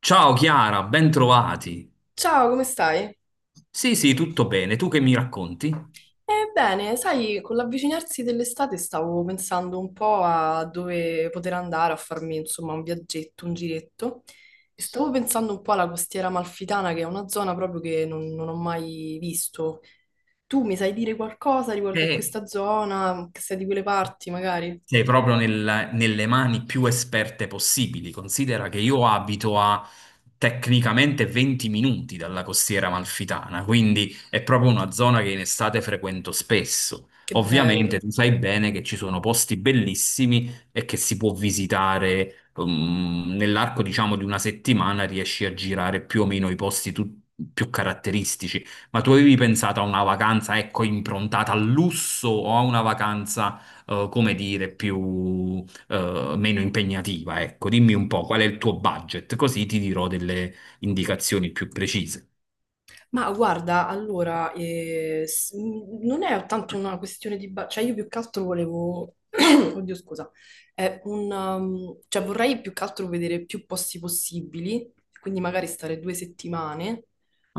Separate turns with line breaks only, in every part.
Ciao Chiara, ben trovati.
Ciao, come stai?
Sì, sì, tutto bene. Tu che mi racconti?
Bene, sai, con l'avvicinarsi dell'estate stavo pensando un po' a dove poter andare a farmi, insomma, un viaggetto, un giretto e stavo pensando un po' alla costiera amalfitana, che è una zona proprio che non ho mai visto. Tu mi sai dire qualcosa riguardo a
Eh,
questa zona, che sei di quelle parti, magari?
Sei proprio nelle mani più esperte possibili. Considera che io abito a tecnicamente 20 minuti dalla costiera amalfitana, quindi è proprio una zona che in estate frequento spesso.
Che
Ovviamente
bello.
tu sai bene che ci sono posti bellissimi e che si può visitare, nell'arco, diciamo, di una settimana riesci a girare più o meno i posti più caratteristici. Ma tu avevi pensato a una vacanza, ecco, improntata al lusso o a una vacanza come dire, più, meno impegnativa, ecco. Dimmi un po' qual è il tuo budget, così ti dirò delle indicazioni più precise.
Ma guarda, allora, non è tanto una questione di cioè, io più che altro volevo. Oddio, scusa. Cioè, vorrei più che altro vedere più posti possibili, quindi magari stare 2 settimane,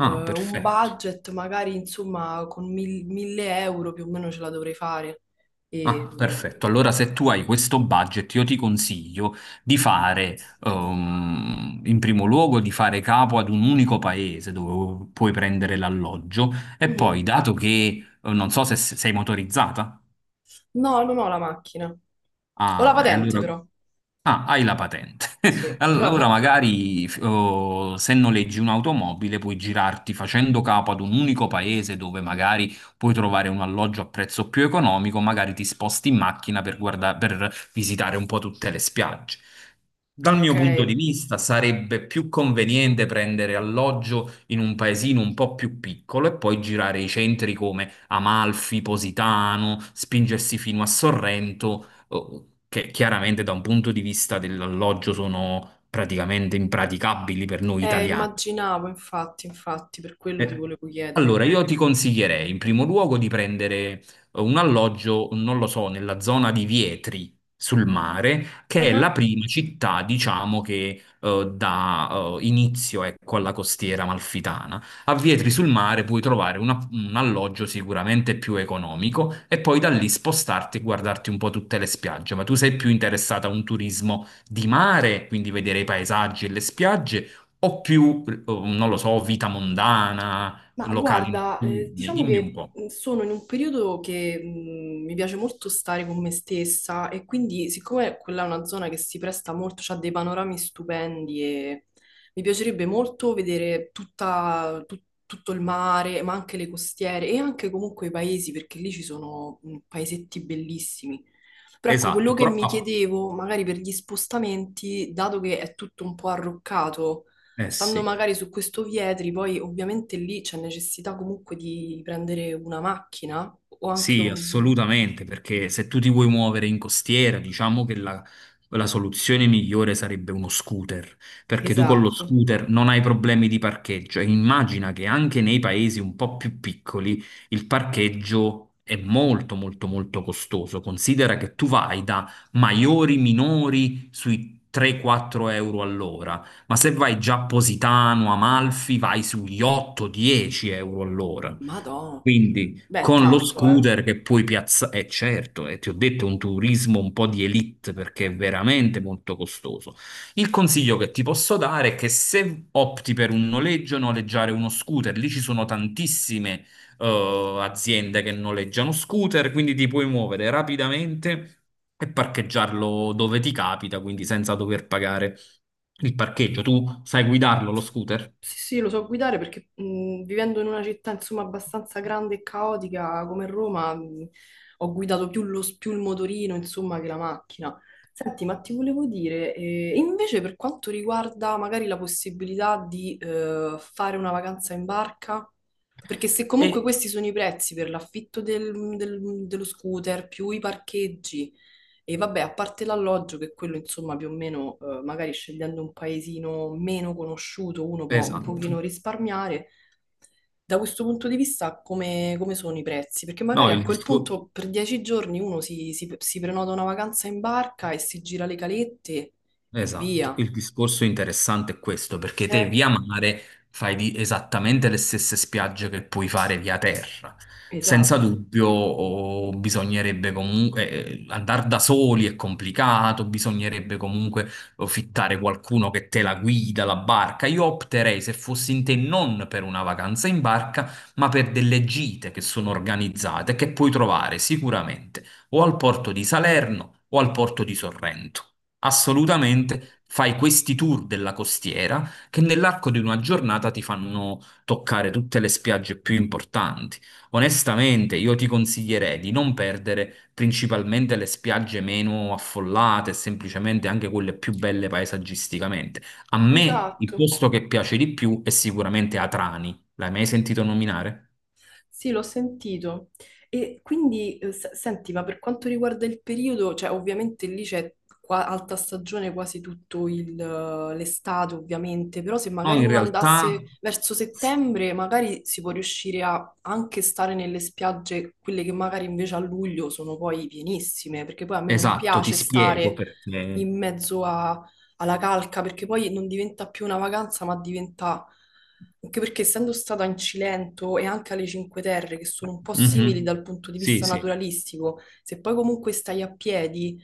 un
perfetto.
budget magari insomma con 1.000 euro più o meno ce la dovrei fare. E...
Ah, perfetto. Allora, se tu hai questo budget, io ti consiglio di fare, in primo luogo, di fare capo ad un unico paese dove puoi prendere l'alloggio e
Mhm.
poi, dato che, non so se sei motorizzata,
No, non ho la macchina. Ho la
ah, e
patente
allora...
però.
Ah, hai la patente.
Sì.
Allora magari oh, se noleggi un'automobile puoi girarti facendo capo ad un unico paese dove magari puoi trovare un alloggio a prezzo più economico, magari ti sposti in macchina per per visitare un po' tutte le spiagge. Dal mio
Ok.
punto di vista, sarebbe più conveniente prendere alloggio in un paesino un po' più piccolo e poi girare i centri come Amalfi, Positano, spingersi fino a Sorrento, che chiaramente da un punto di vista dell'alloggio sono praticamente impraticabili per noi italiani.
Immaginavo, infatti, infatti, per quello ti
Eh,
volevo chiedere.
Allora, io ti consiglierei in primo luogo di prendere un alloggio, non lo so, nella zona di Vietri sul mare, che è la
Ah.
prima città, diciamo, che dà inizio, ecco, alla costiera amalfitana. A Vietri sul mare puoi trovare un alloggio sicuramente più economico e poi da lì spostarti e guardarti un po' tutte le spiagge. Ma tu sei più interessata a un turismo di mare, quindi vedere i paesaggi e le spiagge o più, oh, non lo so, vita mondana,
Ma
locali
guarda,
notturni,
diciamo
dimmi un
che
po'.
sono in un periodo che mi piace molto stare con me stessa e quindi siccome quella è una zona che si presta molto, ha dei panorami stupendi e mi piacerebbe molto vedere tutto il mare, ma anche le costiere e anche comunque i paesi, perché lì ci sono paesetti bellissimi. Però ecco, quello
Esatto,
che
però...
mi
ah,
chiedevo, magari per gli spostamenti, dato che è tutto un po' arroccato,
eh
stando
sì.
magari su questo Vietri, poi ovviamente lì c'è necessità comunque di prendere una macchina o anche
Sì, assolutamente, perché se tu ti vuoi muovere in costiera, diciamo la soluzione migliore sarebbe uno scooter, perché tu con lo
Esatto.
scooter non hai problemi di parcheggio. E immagina che anche nei paesi un po' più piccoli il parcheggio è molto, molto, molto costoso. Considera che tu vai da maiori, minori sui 3-4 euro all'ora, ma se vai già a Positano, Amalfi, vai sugli 8-10 euro all'ora.
Madonna.
Quindi
Beh,
con lo
tanto, eh.
scooter che puoi piazzare, certo, e ti ho detto è un turismo un po' di elite perché è veramente molto costoso. Il consiglio che ti posso dare è che se opti per un noleggio, noleggiare uno scooter, lì ci sono tantissime aziende che noleggiano scooter, quindi ti puoi muovere rapidamente e parcheggiarlo dove ti capita, quindi senza dover pagare il parcheggio. Tu sai guidarlo lo scooter?
Sì, sì, lo so guidare perché vivendo in una città insomma abbastanza grande e caotica come Roma, ho guidato più, più il motorino insomma che la macchina. Senti, ma ti volevo dire, invece per quanto riguarda magari la possibilità di fare una vacanza in barca, perché se
E...
comunque questi sono i prezzi per l'affitto dello scooter più i parcheggi, e vabbè, a parte l'alloggio, che quello insomma più o meno, magari scegliendo un paesino meno conosciuto, uno può un
Esatto.
pochino risparmiare. Da questo punto di vista, come sono i prezzi? Perché
No,
magari a
il
quel
discorso.
punto per 10 giorni uno si prenota una vacanza in barca e si gira le calette e
Esatto,
via.
il discorso interessante è questo, perché te
Eh,
via mare esattamente le stesse spiagge che puoi fare via terra. Senza
esatto,
dubbio, oh, bisognerebbe comunque andare da soli è complicato, bisognerebbe comunque oh, fittare qualcuno che te la guida, la barca. Io opterei, se fossi in te, non per una vacanza in barca, ma per delle gite che sono organizzate, che puoi trovare sicuramente o al porto di Salerno o al porto di Sorrento. Assolutamente, fai questi tour della costiera che nell'arco di una giornata ti fanno toccare tutte le spiagge più importanti. Onestamente, io ti consiglierei di non perdere principalmente le spiagge meno affollate, semplicemente anche quelle più belle paesaggisticamente. A me il
esatto.
posto che piace di più è sicuramente Atrani. L'hai mai sentito nominare?
Sì, l'ho sentito. E quindi, senti, ma per quanto riguarda il periodo, cioè ovviamente lì c'è alta stagione quasi tutto l'estate, ovviamente, però se
No,
magari
in
uno
realtà,
andasse verso settembre, magari si può riuscire a anche stare nelle spiagge, quelle che magari invece a luglio sono poi pienissime, perché poi a me non
esatto, ti
piace
spiego
stare
perché.
in mezzo a alla calca, perché poi non diventa più una vacanza, ma diventa. Anche perché essendo stata in Cilento e anche alle Cinque Terre, che sono un po' simili
Mhm.
dal punto di
Sì,
vista
sì,
naturalistico, se poi comunque stai a piedi.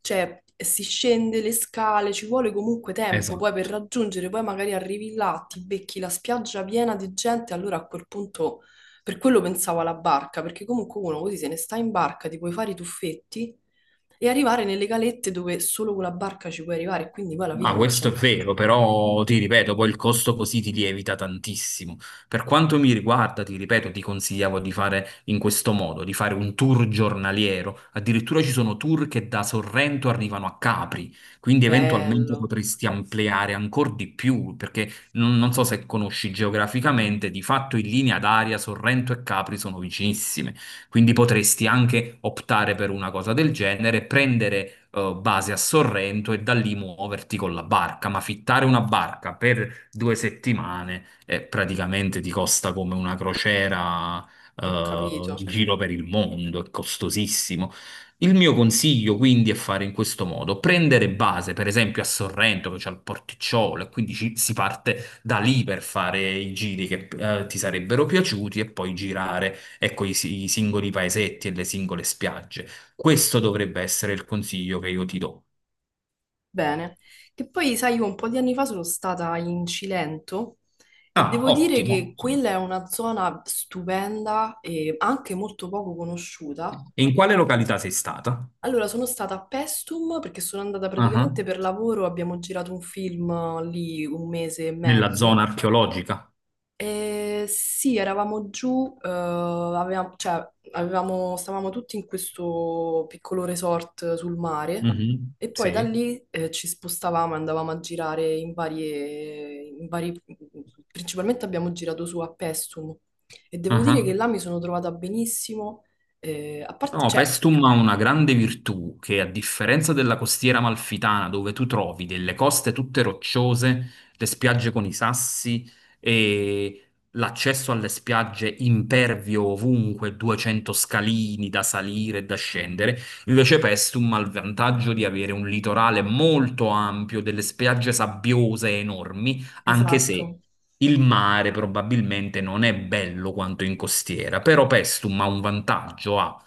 Cioè, si scende le scale, ci vuole comunque tempo poi per
esatto.
raggiungere, poi magari arrivi là, ti becchi la spiaggia piena di gente, allora a quel punto, per quello pensavo alla barca, perché comunque uno così se ne sta in barca, ti puoi fare i tuffetti e arrivare nelle calette dove solo con la barca ci puoi arrivare, quindi poi alla
Ah,
fine non c'è...
questo è
ne-
vero, però ti ripeto, poi il costo così ti lievita tantissimo. Per quanto mi riguarda, ti ripeto, ti consigliavo di fare in questo modo, di fare un tour giornaliero. Addirittura ci sono tour che da Sorrento arrivano a Capri, quindi eventualmente
Bello,
potresti ampliare ancora di più, perché non so se conosci geograficamente, di fatto in linea d'aria Sorrento e Capri sono vicinissime. Quindi potresti anche optare per una cosa del genere, prendere base a Sorrento e da lì muoverti con la barca, ma fittare una barca per due settimane praticamente ti costa come una crociera
ho
in
capito.
giro per il mondo, è costosissimo. Il mio consiglio quindi è fare in questo modo, prendere base per esempio a Sorrento che c'è il porticciolo e quindi si parte da lì per fare i giri che ti sarebbero piaciuti e poi girare ecco, i singoli paesetti e le singole spiagge. Questo dovrebbe essere il consiglio che io ti do.
Bene, che poi sai, io un po' di anni fa sono stata in Cilento e
Ah,
devo dire
ottimo.
che
Ottimo.
quella è una zona stupenda e anche molto poco conosciuta.
E in quale località sei stata?
Allora, sono stata a Pestum perché sono andata
Ah,
praticamente per lavoro, abbiamo girato un film lì un mese e
nella zona
mezzo.
archeologica?
Eh, sì, eravamo giù, stavamo tutti in questo piccolo resort sul mare
Mhm.
e poi da
Sì.
lì ci spostavamo e andavamo a girare in varie, in vari- principalmente abbiamo girato su a Pestum e devo dire che
Ah.
là mi sono trovata benissimo. A parte,
No,
cioè,
Pestum ha una grande virtù che, a differenza della costiera amalfitana, dove tu trovi delle coste tutte rocciose, le spiagge con i sassi e l'accesso alle spiagge impervio ovunque, 200 scalini da salire e da scendere, invece Pestum ha il vantaggio di avere un litorale molto ampio, delle spiagge sabbiose enormi, anche se...
esatto.
Il mare probabilmente non è bello quanto in costiera, però Pestum ha un vantaggio, ha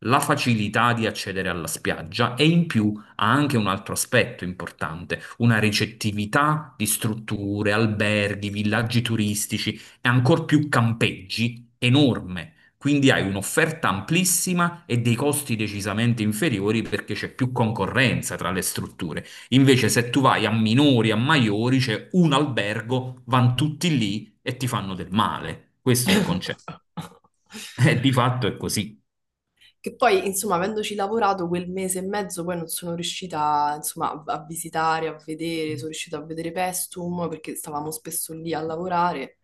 la facilità di accedere alla spiaggia e in più ha anche un altro aspetto importante, una ricettività di strutture, alberghi, villaggi turistici e ancor più campeggi enorme. Quindi hai un'offerta amplissima e dei costi decisamente inferiori perché c'è più concorrenza tra le strutture. Invece se tu vai a Minori, a Maiori, c'è un albergo, vanno tutti lì e ti fanno del male. Questo è il concetto. E di fatto è così.
Che poi, insomma, avendoci lavorato quel mese e mezzo, poi non sono riuscita, insomma, a visitare, a vedere, sono riuscita a vedere Pestum perché stavamo spesso lì a lavorare.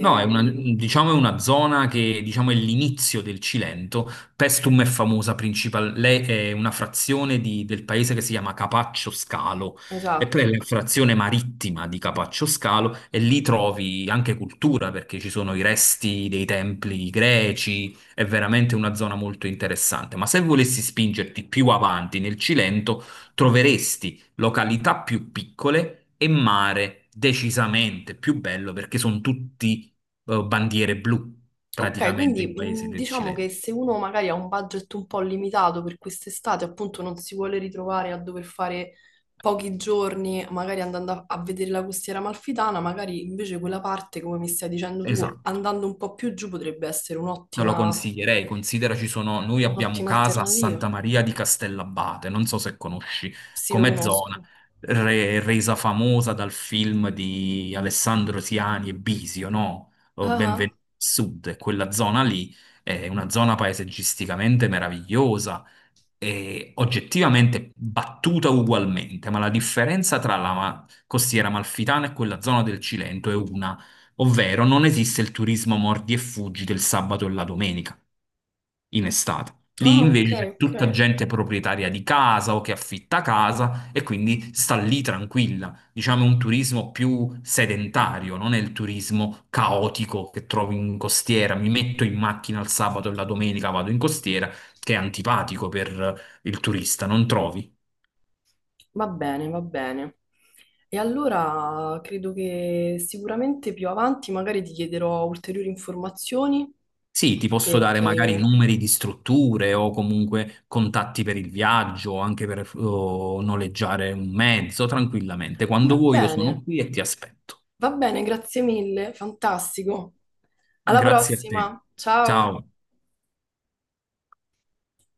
No, è una, diciamo è una zona che diciamo, è l'inizio del Cilento. Pestum è famosa principalmente, è una frazione del paese che si chiama Capaccio Scalo, e poi è
esatto.
la frazione marittima di Capaccio Scalo, e lì trovi anche cultura perché ci sono i resti dei templi greci, è veramente una zona molto interessante. Ma se volessi spingerti più avanti nel Cilento, troveresti località più piccole e mare decisamente più bello perché sono tutti bandiere blu
Ok,
praticamente
quindi
in paesi del
diciamo che
Cilento.
se uno magari ha un budget un po' limitato per quest'estate, appunto non si vuole ritrovare a dover fare pochi giorni, magari andando a vedere la costiera amalfitana, magari invece quella parte, come mi stai dicendo tu,
Esatto.
andando un po' più giù potrebbe essere
Non lo consiglierei, considera ci sono, noi abbiamo
un'ottima
casa a
alternativa.
Santa Maria di Castellabate, non so se conosci
Sì, lo
come zona,
conosco.
resa famosa dal film di Alessandro Siani e Bisio, no?
Ah,
Oh,
ah.
Benvenuti al Sud, e quella zona lì è una zona paesaggisticamente meravigliosa e oggettivamente battuta ugualmente, ma la differenza tra la costiera amalfitana e quella zona del Cilento è una, ovvero non esiste il turismo mordi e fuggi del sabato e la domenica in estate. Lì
Ah, ok,
invece c'è
ok.
tutta gente proprietaria di casa o che affitta casa e quindi sta lì tranquilla. Diciamo è un turismo più sedentario, non è il turismo caotico che trovi in costiera. Mi metto in macchina il sabato e la domenica vado in costiera, che è antipatico per il turista, non trovi?
Va bene, va bene. E allora credo che sicuramente più avanti magari ti chiederò ulteriori informazioni.
Sì, ti posso dare magari
Perché
numeri di strutture o comunque contatti per il viaggio, anche per noleggiare un mezzo tranquillamente.
Va
Quando vuoi io
bene,
sono qui e ti aspetto.
va bene, grazie mille, fantastico. Alla
Grazie a te.
prossima, ciao.
Ciao.